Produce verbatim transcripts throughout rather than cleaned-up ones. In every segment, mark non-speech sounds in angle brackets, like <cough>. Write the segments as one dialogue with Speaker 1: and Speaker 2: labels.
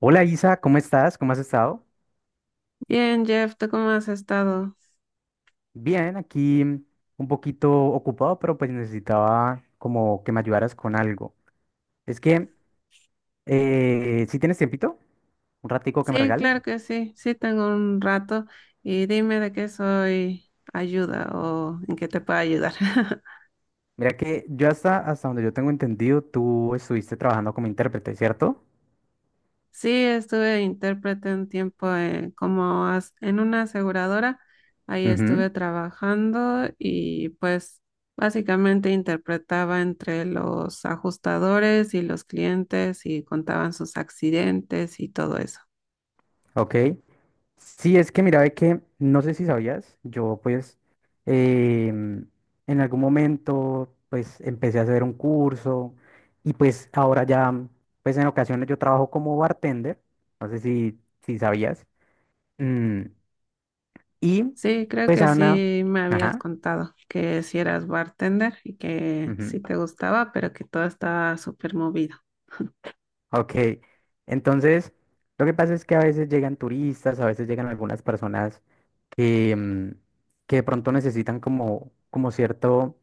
Speaker 1: Hola Isa, ¿cómo estás? ¿Cómo has estado?
Speaker 2: Bien, Jeff, ¿tú cómo has estado?
Speaker 1: Bien, aquí mm, un poquito ocupado, pero pues necesitaba como que me ayudaras con algo. Es que, eh, si tienes tiempito, un ratico que me
Speaker 2: Sí,
Speaker 1: regales.
Speaker 2: claro que sí, sí tengo un rato y dime de qué soy ayuda o en qué te puedo ayudar. <laughs>
Speaker 1: Mira que yo hasta, hasta donde yo tengo entendido, tú estuviste trabajando como intérprete, ¿cierto?
Speaker 2: Sí, estuve intérprete un tiempo eh, como as- en una aseguradora, ahí estuve trabajando y pues básicamente interpretaba entre los ajustadores y los clientes y contaban sus accidentes y todo eso.
Speaker 1: Ok. Sí, es que mira, ve que no sé si sabías, yo pues em, en algún momento pues empecé a hacer un curso y pues ahora ya pues en ocasiones yo trabajo como bartender, no sé si, si sabías. Mm, y
Speaker 2: Sí, creo
Speaker 1: pues
Speaker 2: que
Speaker 1: Ana,
Speaker 2: sí me habías
Speaker 1: ajá,
Speaker 2: contado que si eras bartender y que sí
Speaker 1: ujú,
Speaker 2: te gustaba, pero que todo estaba súper movido.
Speaker 1: ok. Entonces, lo que pasa es que a veces llegan turistas, a veces llegan algunas personas que, mm, que de pronto necesitan como, como cierto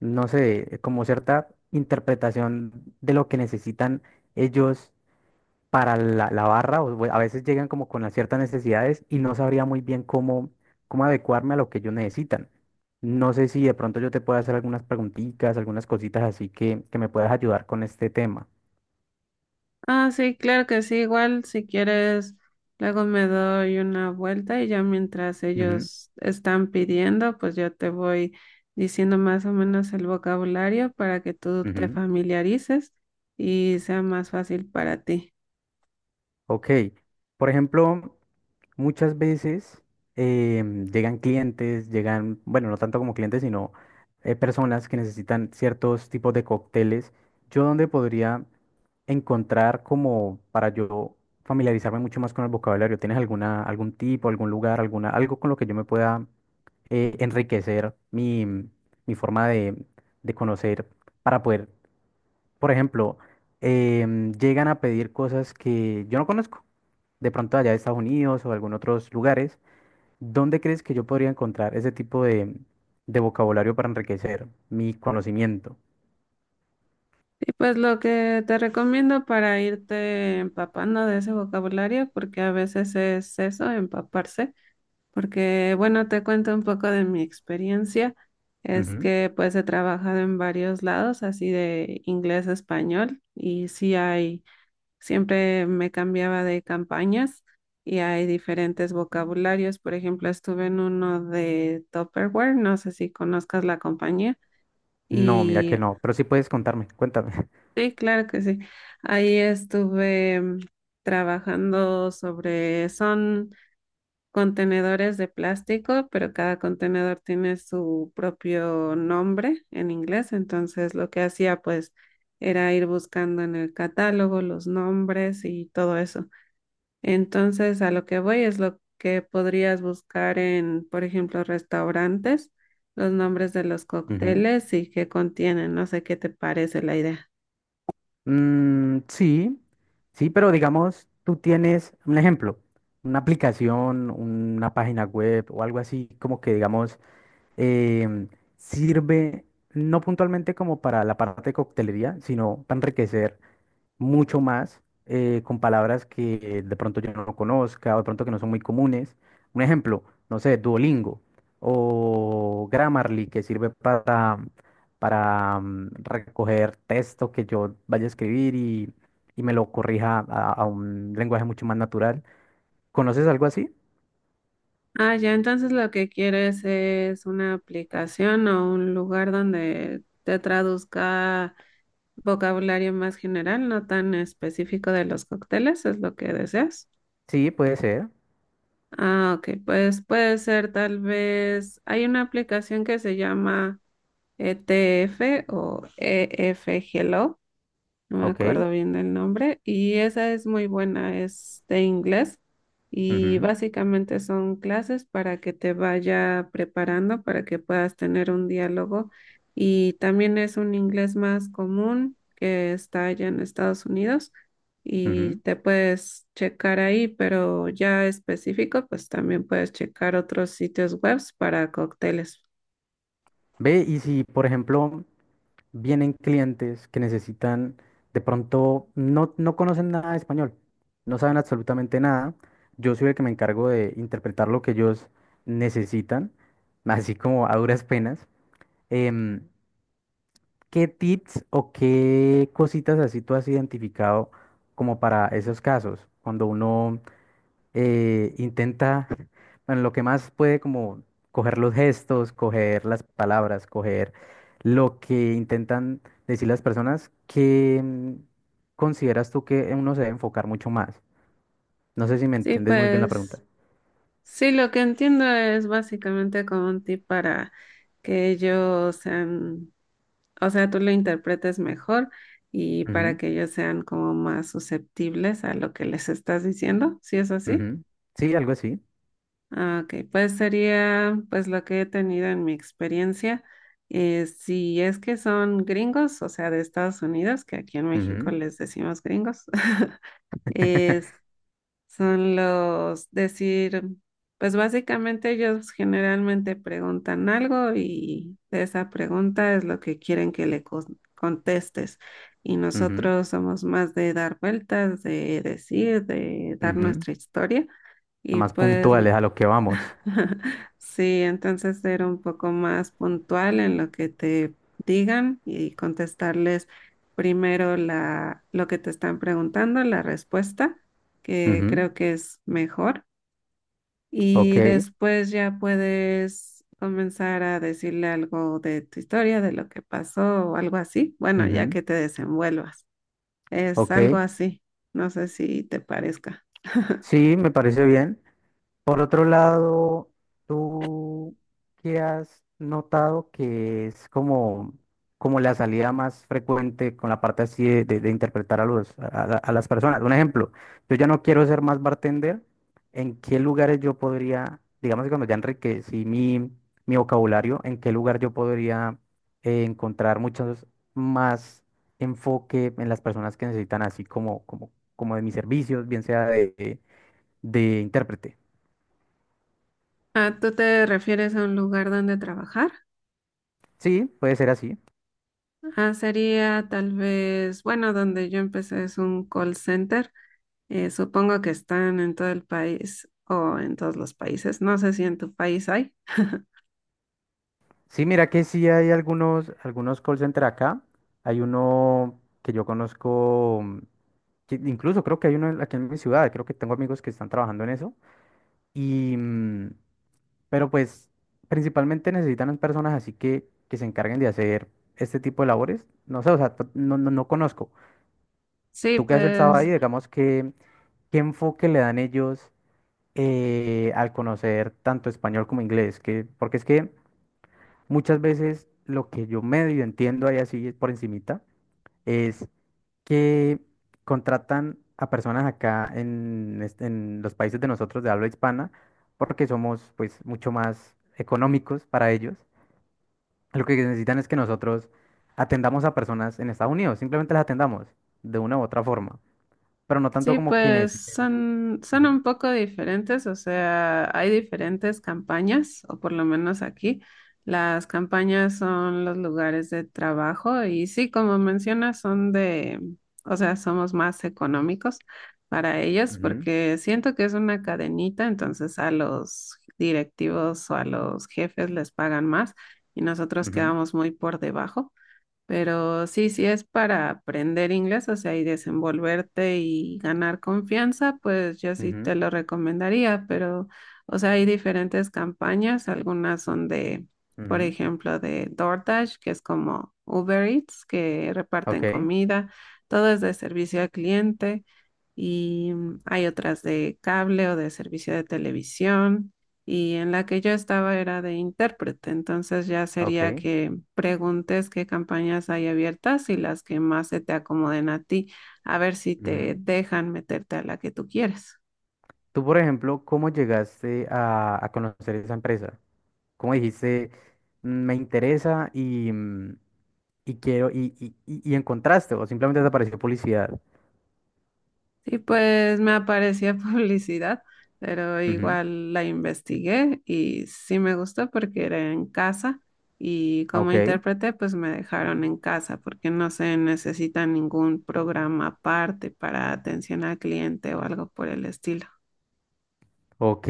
Speaker 1: no sé, como cierta interpretación de lo que necesitan ellos para la, la barra, o bu- a veces llegan como con las ciertas necesidades y no sabría muy bien cómo, cómo adecuarme a lo que ellos necesitan. No sé si de pronto yo te puedo hacer algunas preguntitas, algunas cositas así que, que me puedas ayudar con este tema.
Speaker 2: Ah, sí, claro que sí, igual si quieres, luego me doy una vuelta y ya mientras
Speaker 1: Ujú,
Speaker 2: ellos están pidiendo, pues yo te voy diciendo más o menos el vocabulario para que tú te
Speaker 1: ujú.
Speaker 2: familiarices y sea más fácil para ti.
Speaker 1: Ok, por ejemplo. Muchas veces em, llegan clientes, llegan, bueno, no tanto como clientes, sino eh, personas que necesitan ciertos tipos de cócteles. Yo donde podría encontrar como para yo familiarizarme mucho más con el vocabulario. ¿Tienes alguna, algún tipo, algún lugar, alguna, algo con lo que yo me pueda eh, enriquecer mi, mi forma de, de conocer para poder por ejemplo, em, llegan a pedir cosas que yo no conozco, de pronto allá de Estados Unidos o algún otros lugares. ¿Dónde crees que yo podría encontrar ese tipo de, de vocabulario para enriquecer mi conocimiento?
Speaker 2: Y pues lo que te recomiendo para irte empapando de ese vocabulario, porque a veces es eso, empaparse, porque bueno, te cuento un poco de mi experiencia, es
Speaker 1: Ujú.
Speaker 2: que pues he trabajado en varios lados, así de inglés a español, y sí hay, siempre me cambiaba de campañas y hay diferentes vocabularios, por ejemplo, estuve en uno de Tupperware, no sé si conozcas la compañía.
Speaker 1: No, mira que
Speaker 2: Y
Speaker 1: no, pero sí puedes contarme, cuéntame.
Speaker 2: sí, claro que sí. Ahí estuve mm, trabajando sobre, son contenedores de plástico, pero cada contenedor tiene su propio nombre en inglés. Entonces lo que hacía pues era ir buscando en el catálogo los nombres y todo eso. Entonces a lo que voy es lo que podrías buscar en, por ejemplo, restaurantes, los nombres de los
Speaker 1: <laughs> Ujú.
Speaker 2: cócteles y qué contienen. No sé qué te parece la idea.
Speaker 1: Mm, sí, sí, pero digamos, tú tienes un ejemplo, una aplicación, una página web o algo así, como que digamos... em, sirve no puntualmente como para la parte de coctelería, sino para enriquecer mucho más eh, con palabras que de pronto yo no conozca o de pronto que no son muy comunes. Un ejemplo, no sé, Duolingo o Grammarly, que sirve para, para mm, recoger texto que yo vaya a escribir y, y me lo corrija a, a un lenguaje mucho más natural. ¿Conoces algo así?
Speaker 2: Ah, ya, entonces lo que quieres es una aplicación o un lugar donde te traduzca vocabulario más general, no tan específico de los cócteles, es lo que deseas.
Speaker 1: Sí, puede ser.
Speaker 2: Ah, ok, pues puede ser tal vez, hay una aplicación que se llama E T F o E F E F, no me
Speaker 1: Ok.
Speaker 2: acuerdo bien del nombre, y esa es muy buena, es de inglés y
Speaker 1: Ujú,
Speaker 2: básicamente son clases para que te vaya preparando, para que puedas tener un diálogo y también es un inglés más común que está allá en Estados Unidos y
Speaker 1: ujú.
Speaker 2: te puedes checar ahí, pero ya específico, pues también puedes checar otros sitios web para cócteles.
Speaker 1: Ve, y si, por ejemplo, vienen clientes que necesitan, de pronto no, no conocen nada de español, no saben absolutamente nada. Yo soy el que me encargo de interpretar lo que ellos necesitan, <laughs> así como a duras penas. Em, ¿qué tips o qué cositas así tú has identificado como para esos casos? Cuando uno eh, intenta, bueno, lo que más puede como coger los gestos, coger las palabras, coger lo que intentan decir las personas, que mm, consideras tú que uno se debe enfocar mucho más? No sé si me
Speaker 2: Sí,
Speaker 1: entiendes muy bien la pregunta.
Speaker 2: pues sí, lo que entiendo es básicamente como un tip para que ellos sean, o sea, tú lo interpretes mejor y para
Speaker 1: Ujú,
Speaker 2: que ellos sean como más susceptibles a lo que les estás diciendo, si es así.
Speaker 1: ujú. Sí, algo así.
Speaker 2: Ah, ok, pues sería pues lo que he tenido en mi experiencia. Eh, si es que son gringos, o sea, de Estados Unidos, que aquí en México
Speaker 1: Ujú,
Speaker 2: les decimos gringos, <laughs> es son los decir, pues básicamente ellos generalmente preguntan algo y de esa pregunta es lo que quieren que le con- contestes. Y
Speaker 1: ujú,
Speaker 2: nosotros somos más de dar vueltas, de decir, de dar
Speaker 1: ujú.
Speaker 2: nuestra historia. Y
Speaker 1: Más
Speaker 2: pues
Speaker 1: puntuales a lo que vamos.
Speaker 2: <laughs> sí, entonces ser un poco más puntual en lo que te digan y contestarles primero la, lo que te están preguntando, la respuesta, que
Speaker 1: Ujú,
Speaker 2: creo que es mejor.
Speaker 1: ok,
Speaker 2: Y después ya puedes comenzar a decirle algo de tu historia, de lo que pasó o algo así. Bueno, ya
Speaker 1: ujú,
Speaker 2: que te desenvuelvas. Es algo
Speaker 1: ok.
Speaker 2: así. No sé si te parezca.
Speaker 1: Sí, me parece bien. Por otro lado, ¿tú qué has notado que es como, como la salida más frecuente con la parte así de, de- de interpretar a, los, a, a- a las personas? Un ejemplo, yo ya no quiero ser más bartender, ¿en qué lugares yo podría, digamos que cuando ya enriquecí mi, mi vocabulario, en qué lugar yo podría eh, encontrar muchos más enfoque en las personas que necesitan así como, como, como de mis servicios, bien sea de, de intérprete?
Speaker 2: Ah, ¿tú te refieres a un lugar donde trabajar?
Speaker 1: Sí, puede ser así.
Speaker 2: Ah, sería tal vez, bueno, donde yo empecé es un call center. Eh, supongo que están en todo el país o en todos los países. No sé si en tu país hay.
Speaker 1: Sí, mira que sí hay algunos, algunos call center acá. Hay uno que yo conozco, mm, que incluso creo que hay uno en- aquí en mi ciudad, creo que tengo amigos que están trabajando en eso. Y, mm, pero pues principalmente necesitan personas así que, que se encarguen de hacer este tipo de labores. No sé, o sea, t- no, no, no conozco.
Speaker 2: Sí,
Speaker 1: Tú que has estado
Speaker 2: pues
Speaker 1: ahí, digamos que, ¿qué enfoque le dan ellos eh, al conocer tanto español como inglés? Que, porque es que... Muchas veces lo que yo medio entiendo ahí así por encimita es que contratan a personas acá en, este- en los países de nosotros de habla hispana porque somos pues mucho más económicos para ellos. Lo que necesitan es que nosotros atendamos a personas en Estados Unidos, simplemente las atendamos de una u otra forma, pero no tanto
Speaker 2: sí,
Speaker 1: como que
Speaker 2: pues
Speaker 1: necesiten.
Speaker 2: son, son
Speaker 1: Ujú,
Speaker 2: un poco diferentes, o sea, hay diferentes campañas, o por lo menos aquí, las campañas son los lugares de trabajo y sí, como mencionas, son de, o sea, somos más económicos para ellos
Speaker 1: ujú,
Speaker 2: porque siento que es una cadenita, entonces a los directivos o a los jefes les pagan más y nosotros
Speaker 1: ujú,
Speaker 2: quedamos muy por debajo. Pero sí, si es para aprender inglés, o sea, y desenvolverte y ganar confianza, pues yo sí te
Speaker 1: ujú,
Speaker 2: lo recomendaría, pero, o sea, hay diferentes campañas, algunas son de, por
Speaker 1: ujú.
Speaker 2: ejemplo, de DoorDash, que es como Uber Eats, que reparten
Speaker 1: Ok,
Speaker 2: comida, todo es de servicio al cliente, y mm, hay otras de cable o de servicio de televisión, y en la que yo estaba era de intérprete, entonces ya sería
Speaker 1: ok.
Speaker 2: que preguntes qué campañas hay abiertas y las que más se te acomoden a ti, a ver si te dejan meterte a la que tú quieres.
Speaker 1: Tú, por ejemplo, ¿cómo llegaste a, a conocer esa empresa? ¿Cómo dijiste, "Mm, me interesa y, mm, y quiero, y, y, y- y encontraste", o simplemente te apareció publicidad?
Speaker 2: Y pues me aparecía <laughs> publicidad, pero
Speaker 1: Ujú,
Speaker 2: igual la investigué y sí me gustó porque era en casa y como
Speaker 1: ok,
Speaker 2: intérprete pues me dejaron en casa porque no se necesita ningún programa aparte para atención al cliente o algo por el estilo.
Speaker 1: ok.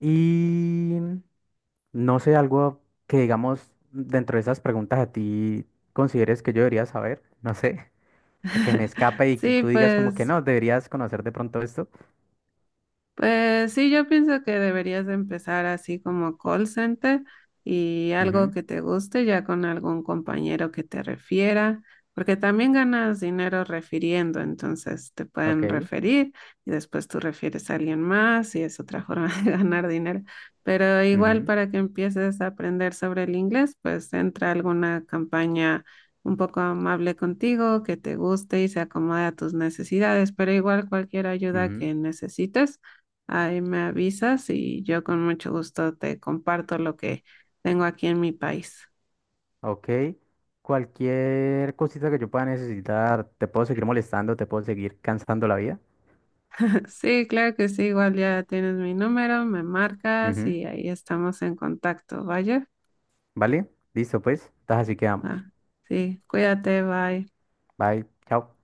Speaker 1: Y no sé, algo que digamos dentro de esas preguntas a ti consideres que yo debería saber, no sé, <laughs> que me escape y que
Speaker 2: Sí,
Speaker 1: tú digas como que
Speaker 2: pues
Speaker 1: no, deberías conocer de pronto esto.
Speaker 2: pues sí, yo pienso que deberías de empezar así como call center y algo
Speaker 1: Ujú,
Speaker 2: que te guste ya con algún compañero que te refiera, porque también ganas dinero refiriendo, entonces te pueden
Speaker 1: ok.
Speaker 2: referir y después tú refieres a alguien más y es otra forma <laughs> de ganar dinero. Pero igual
Speaker 1: Ujú,
Speaker 2: para que empieces a aprender sobre el inglés, pues entra a alguna campaña un poco amable contigo, que te guste y se acomode a tus necesidades, pero igual cualquier ayuda
Speaker 1: ujú.
Speaker 2: que necesites. Ahí me avisas y yo con mucho gusto te comparto lo que tengo aquí en mi país.
Speaker 1: Ok. Cualquier cosita que yo pueda necesitar, te puedo seguir molestando, te puedo seguir cansando la vida.
Speaker 2: <laughs> Sí, claro que sí, igual ya tienes mi número, me marcas
Speaker 1: Ujú,
Speaker 2: y ahí estamos en contacto, ¿vaya?
Speaker 1: ¿vale? Listo, pues. Entonces así quedamos.
Speaker 2: Ah, sí, cuídate, bye.
Speaker 1: Bye. Chao.